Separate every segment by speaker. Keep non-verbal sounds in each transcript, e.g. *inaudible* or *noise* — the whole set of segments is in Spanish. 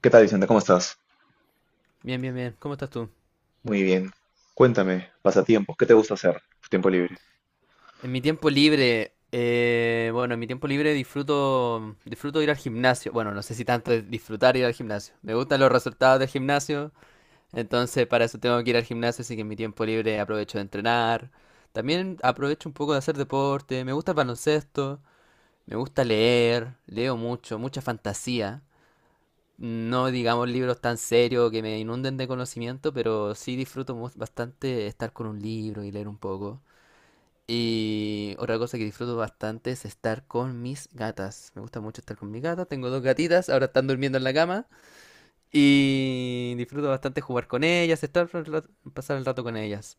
Speaker 1: ¿Qué tal, Vicente? ¿Cómo estás?
Speaker 2: Bien, bien, bien. ¿Cómo estás tú?
Speaker 1: Muy bien. Cuéntame, pasatiempos, ¿qué te gusta hacer tu tiempo libre?
Speaker 2: En mi tiempo libre, bueno, en mi tiempo libre disfruto ir al gimnasio. Bueno, no sé si tanto es disfrutar ir al gimnasio. Me gustan los resultados del gimnasio, entonces para eso tengo que ir al gimnasio, así que en mi tiempo libre aprovecho de entrenar. También aprovecho un poco de hacer deporte. Me gusta el baloncesto, me gusta leer, leo mucho, mucha fantasía. No digamos libros tan serios que me inunden de conocimiento, pero sí disfruto bastante estar con un libro y leer un poco. Y otra cosa que disfruto bastante es estar con mis gatas. Me gusta mucho estar con mis gatas. Tengo dos gatitas, ahora están durmiendo en la cama. Y disfruto bastante jugar con ellas, pasar el rato con ellas.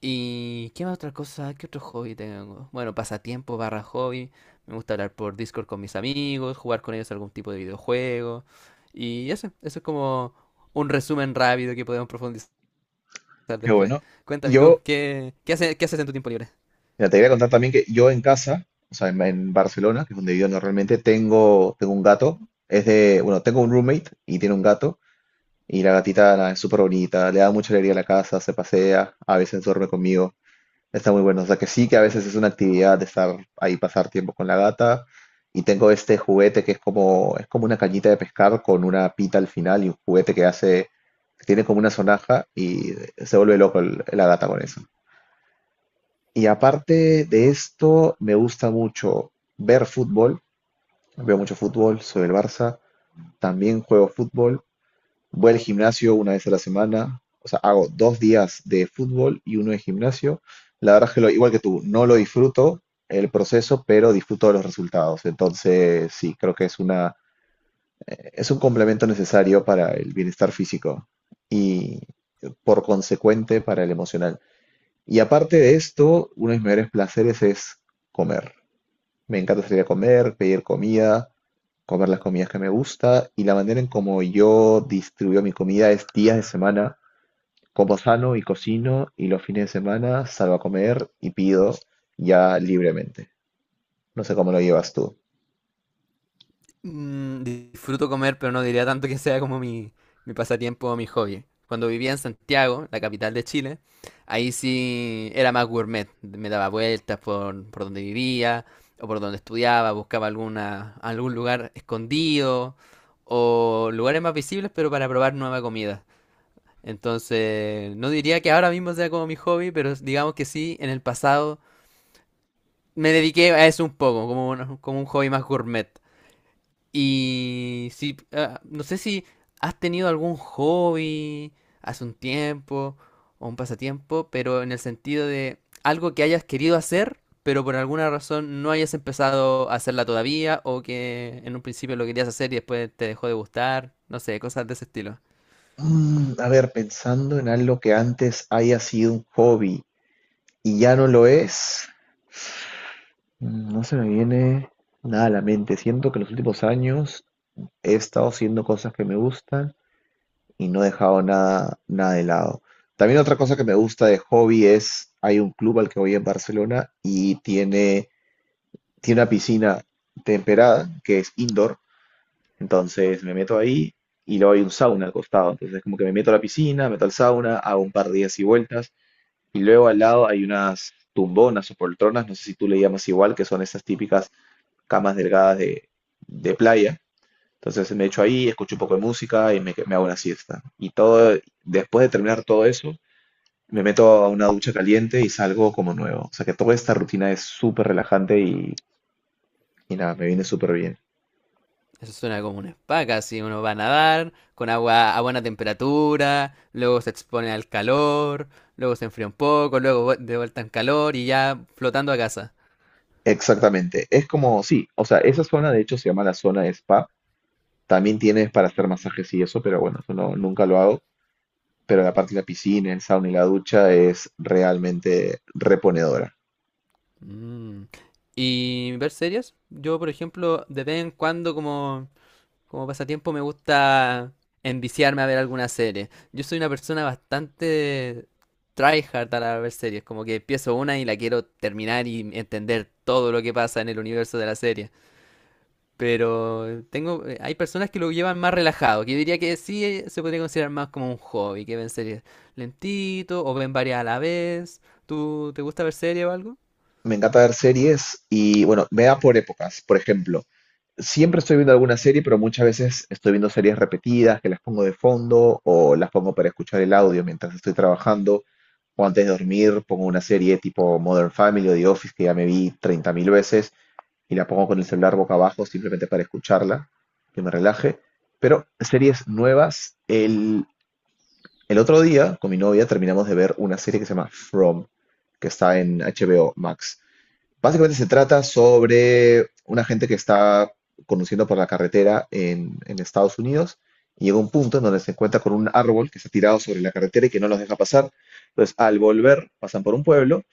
Speaker 2: ¿Y qué más otra cosa? ¿Qué otro hobby tengo? Bueno, pasatiempo barra hobby. Me gusta hablar por Discord con mis amigos, jugar con ellos algún tipo de videojuego. Y eso es como un resumen rápido que podemos profundizar
Speaker 1: Qué
Speaker 2: después.
Speaker 1: bueno.
Speaker 2: Cuéntame tú,
Speaker 1: Yo,
Speaker 2: ¿qué qué haces en tu tiempo libre?
Speaker 1: mira, te voy a contar también que yo en casa, o sea, en Barcelona, que es donde vivo normalmente, tengo un gato. Bueno, tengo un roommate y tiene un gato. Y la gatita nada, es súper bonita, le da mucha alegría a la casa, se pasea, a veces duerme conmigo. Está muy bueno. O sea que sí que a veces es una actividad de estar ahí, pasar tiempo con la gata. Y tengo este juguete que es como una cañita de pescar con una pita al final y un juguete que hace, que tiene como una sonaja y se vuelve loco la gata con eso. Y aparte de esto, me gusta mucho ver fútbol. Veo mucho fútbol, soy del Barça. También juego fútbol. Voy al gimnasio una vez a la semana, o sea, hago dos días de fútbol y uno de gimnasio. La verdad es que lo, igual que tú, no lo disfruto el proceso, pero disfruto de los resultados. Entonces, sí, creo que es un complemento necesario para el bienestar físico y por consecuente para el emocional. Y aparte de esto, uno de mis mayores placeres es comer. Me encanta salir a comer, pedir comida, comer las comidas que me gusta y la manera en como yo distribuyo mi comida es días de semana como sano y cocino y los fines de semana salgo a comer y pido ya libremente. No sé cómo lo llevas tú.
Speaker 2: Mm, disfruto comer, pero no diría tanto que sea como mi pasatiempo o mi hobby. Cuando vivía en Santiago, la capital de Chile, ahí sí era más gourmet. Me daba vueltas por donde vivía o por donde estudiaba, buscaba alguna, algún lugar escondido o lugares más visibles, pero para probar nueva comida. Entonces, no diría que ahora mismo sea como mi hobby, pero digamos que sí, en el pasado me dediqué a eso un poco, como un hobby más gourmet. Y si, no sé si has tenido algún hobby hace un tiempo o un pasatiempo, pero en el sentido de algo que hayas querido hacer, pero por alguna razón no hayas empezado a hacerla todavía o que en un principio lo querías hacer y después te dejó de gustar, no sé, cosas de ese estilo.
Speaker 1: Mm, a ver, pensando en algo que antes haya sido un hobby y ya no lo es, mm, no se me viene nada a la mente. Siento que en los últimos años he estado haciendo cosas que me gustan y no he dejado nada, nada de lado. También otra cosa que me gusta de hobby es, hay un club al que voy en Barcelona y tiene una piscina temperada que es indoor, entonces me meto ahí y luego hay un sauna al costado, entonces como que me meto a la piscina, meto al sauna, hago un par de días y vueltas y luego al lado hay unas tumbonas o poltronas, no sé si tú le llamas igual, que son esas típicas camas delgadas de playa. Entonces me echo ahí, escucho un poco de música y me hago una siesta. Y todo, después de terminar todo eso, me meto a una ducha caliente y salgo como nuevo. O sea que toda esta rutina es súper relajante y nada, me viene súper bien.
Speaker 2: Eso suena como una spa, casi uno va a nadar con agua a buena temperatura, luego se expone al calor, luego se enfría un poco, luego de vuelta en calor y ya flotando a casa.
Speaker 1: Exactamente, es como, sí, o sea, esa zona de hecho se llama la zona de spa, también tienes para hacer masajes y eso, pero bueno, eso no, nunca lo hago, pero la parte de la piscina, el sauna y la ducha es realmente reponedora.
Speaker 2: Mm. ¿Y ver series? Yo, por ejemplo, de vez en cuando como pasatiempo me gusta enviciarme a ver alguna serie. Yo soy una persona bastante tryhard a ver series, como que empiezo una y la quiero terminar y entender todo lo que pasa en el universo de la serie. Pero hay personas que lo llevan más relajado, que yo diría que sí se podría considerar más como un hobby, que ven series lentito o ven varias a la vez. ¿Tú te gusta ver series o algo?
Speaker 1: Me encanta ver series y bueno, me da por épocas, por ejemplo, siempre estoy viendo alguna serie, pero muchas veces estoy viendo series repetidas que las pongo de fondo o las pongo para escuchar el audio mientras estoy trabajando o antes de dormir pongo una serie tipo Modern Family o The Office que ya me vi 30.000 veces y la pongo con el celular boca abajo simplemente para escucharla, que me relaje. Pero series nuevas, el otro día con mi novia terminamos de ver una serie que se llama From, que está en HBO Max. Básicamente se trata sobre una gente que está conduciendo por la carretera en Estados Unidos y llega un punto en donde se encuentra con un árbol que está tirado sobre la carretera y que no los deja pasar. Entonces, al volver, pasan por un pueblo,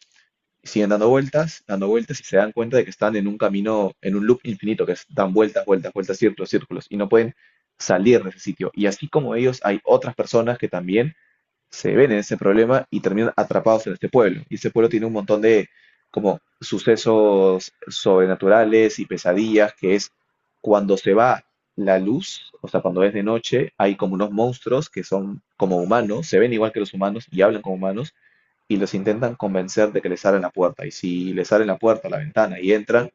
Speaker 1: siguen dando vueltas y se dan cuenta de que están en un camino, en un loop infinito, que es dan vueltas, vueltas, vueltas, círculos, círculos, y no pueden salir de ese sitio. Y así como ellos, hay otras personas que también se ven en ese problema y terminan atrapados en este pueblo. Y ese pueblo tiene un montón de como sucesos sobrenaturales y pesadillas, que es cuando se va la luz, o sea, cuando es de noche, hay como unos monstruos que son como humanos, se ven igual que los humanos y hablan como humanos, y los intentan convencer de que les abran la puerta. Y si les abren la puerta, la ventana y entran,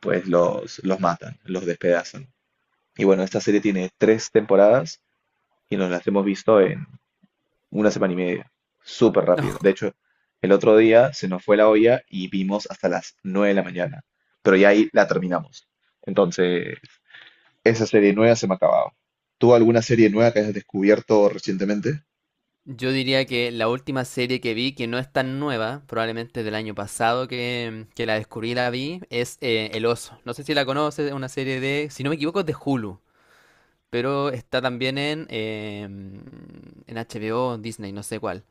Speaker 1: pues los matan, los despedazan. Y bueno, esta serie tiene tres temporadas y nos las hemos visto en una semana y media. Súper rápido.
Speaker 2: *laughs*
Speaker 1: De hecho, el otro día se nos fue la olla y vimos hasta las 9 de la mañana. Pero ya ahí la terminamos. Entonces, esa serie nueva se me ha acabado. ¿Tú alguna serie nueva que hayas descubierto recientemente?
Speaker 2: Yo diría que la última serie que vi, que no es tan nueva, probablemente del año pasado que la descubrí y la vi, es El Oso. No sé si la conoces, es una serie de, si no me equivoco, es de Hulu, pero está también en HBO, o Disney, no sé cuál.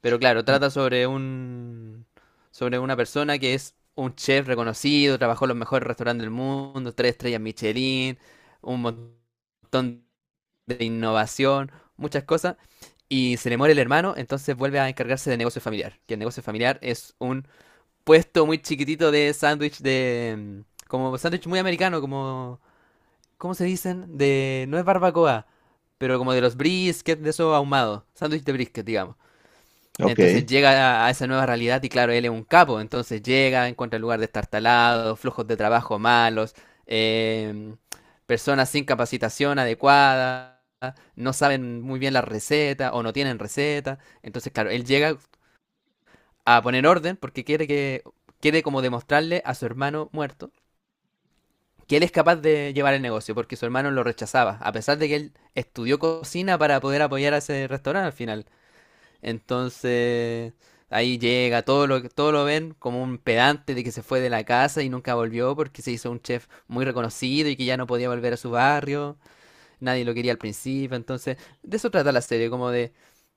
Speaker 2: Pero claro, trata sobre una persona que es un chef reconocido, trabajó en los mejores restaurantes del mundo, tres estrellas Michelin, un montón de innovación, muchas cosas. Y se le muere el hermano, entonces vuelve a encargarse de negocio familiar. Que el negocio familiar es un puesto muy chiquitito de sándwich de, como sándwich muy americano, como, ¿cómo se dicen? De, no es barbacoa, pero como de los briskets, de esos ahumados. Sándwich de brisket, digamos. Entonces
Speaker 1: Ok.
Speaker 2: llega a esa nueva realidad y claro, él es un capo, entonces llega, encuentra el lugar destartalado, flujos de trabajo malos, eh, personas sin capacitación adecuada, no saben muy bien las recetas o no tienen recetas. Entonces, claro, él llega a poner orden porque quiere como demostrarle a su hermano muerto que él es capaz de llevar el negocio porque su hermano lo rechazaba, a pesar de que él estudió cocina para poder apoyar a ese restaurante al final. Entonces, ahí llega, todo lo ven como un pedante de que se fue de la casa y nunca volvió porque se hizo un chef muy reconocido y que ya no podía volver a su barrio nadie lo quería al principio, entonces de eso trata la serie, como de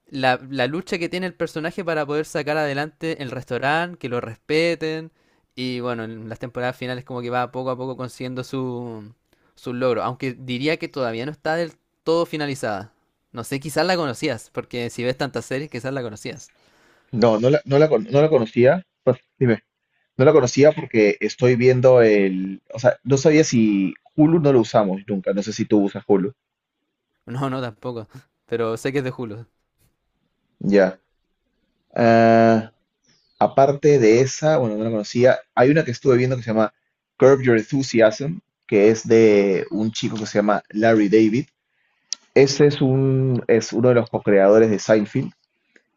Speaker 2: la lucha que tiene el personaje para poder sacar adelante el restaurante, que lo respeten, y bueno, en las temporadas finales como que va poco a poco consiguiendo su logro, aunque diría que todavía no está del todo finalizada. No sé, quizás la conocías, porque si ves tantas series, quizás la conocías.
Speaker 1: No la conocía. Pues, dime. No la conocía porque estoy viendo el, o sea, no sabía si Hulu no lo usamos nunca, no sé si tú usas Hulu.
Speaker 2: No, no, tampoco, pero sé que es de Hulu.
Speaker 1: Ya. Ah, aparte de esa, bueno, no la conocía, hay una que estuve viendo que se llama Curb Your Enthusiasm, que es de un chico que se llama Larry David. Ese es un, es uno de los co-creadores de Seinfeld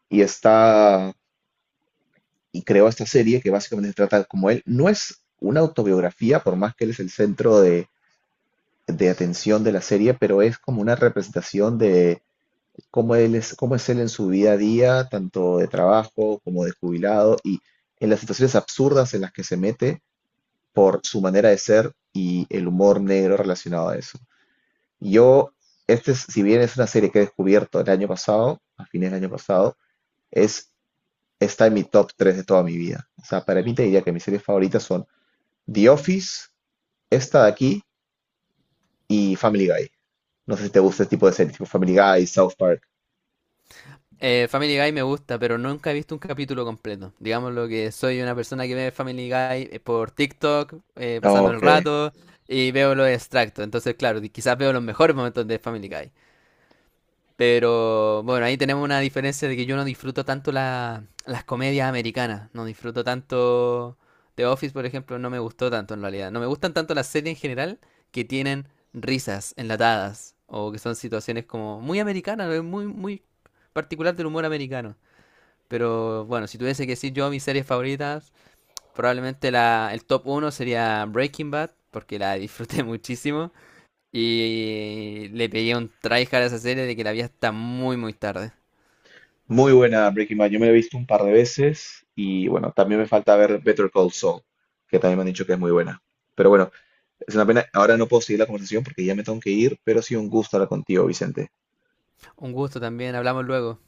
Speaker 1: y está y creó esta serie que básicamente se trata como él. No es una autobiografía, por más que él es el centro de atención de la serie, pero es como una representación de cómo él es, cómo es él en su día a día, tanto de trabajo como de jubilado, y en las situaciones absurdas en las que se mete por su manera de ser y el humor negro relacionado a eso. Yo, si bien es una serie que he descubierto el año pasado, a fines del año pasado, es, está en mi top 3 de toda mi vida. O sea, para mí te diría que mis series favoritas son The Office, esta de aquí, y Family Guy. No sé si te gusta este tipo de series, tipo Family Guy, South Park.
Speaker 2: Family Guy me gusta, pero nunca he visto un capítulo completo. Digamos lo que soy una persona que ve Family Guy por TikTok, pasando el
Speaker 1: Ok.
Speaker 2: rato, y veo los extractos. Entonces, claro, quizás veo los mejores momentos de Family Guy. Pero bueno, ahí tenemos una diferencia de que yo no disfruto tanto las comedias americanas. No disfruto tanto The Office, por ejemplo, no me gustó tanto en realidad. No me gustan tanto las series en general que tienen risas enlatadas o que son situaciones como muy americanas, muy, muy particular del humor americano. Pero bueno, si tuviese que decir yo mis series favoritas, probablemente el top uno sería Breaking Bad, porque la disfruté *laughs* muchísimo. Y le pegué un tryhard a esa serie de que la vi hasta muy, muy tarde.
Speaker 1: Muy buena Breaking Bad. Yo me la he visto un par de veces y bueno, también me falta ver Better Call Saul, que también me han dicho que es muy buena. Pero bueno, es una pena. Ahora no puedo seguir la conversación porque ya me tengo que ir, pero ha sido un gusto hablar contigo, Vicente.
Speaker 2: Un gusto también, hablamos luego.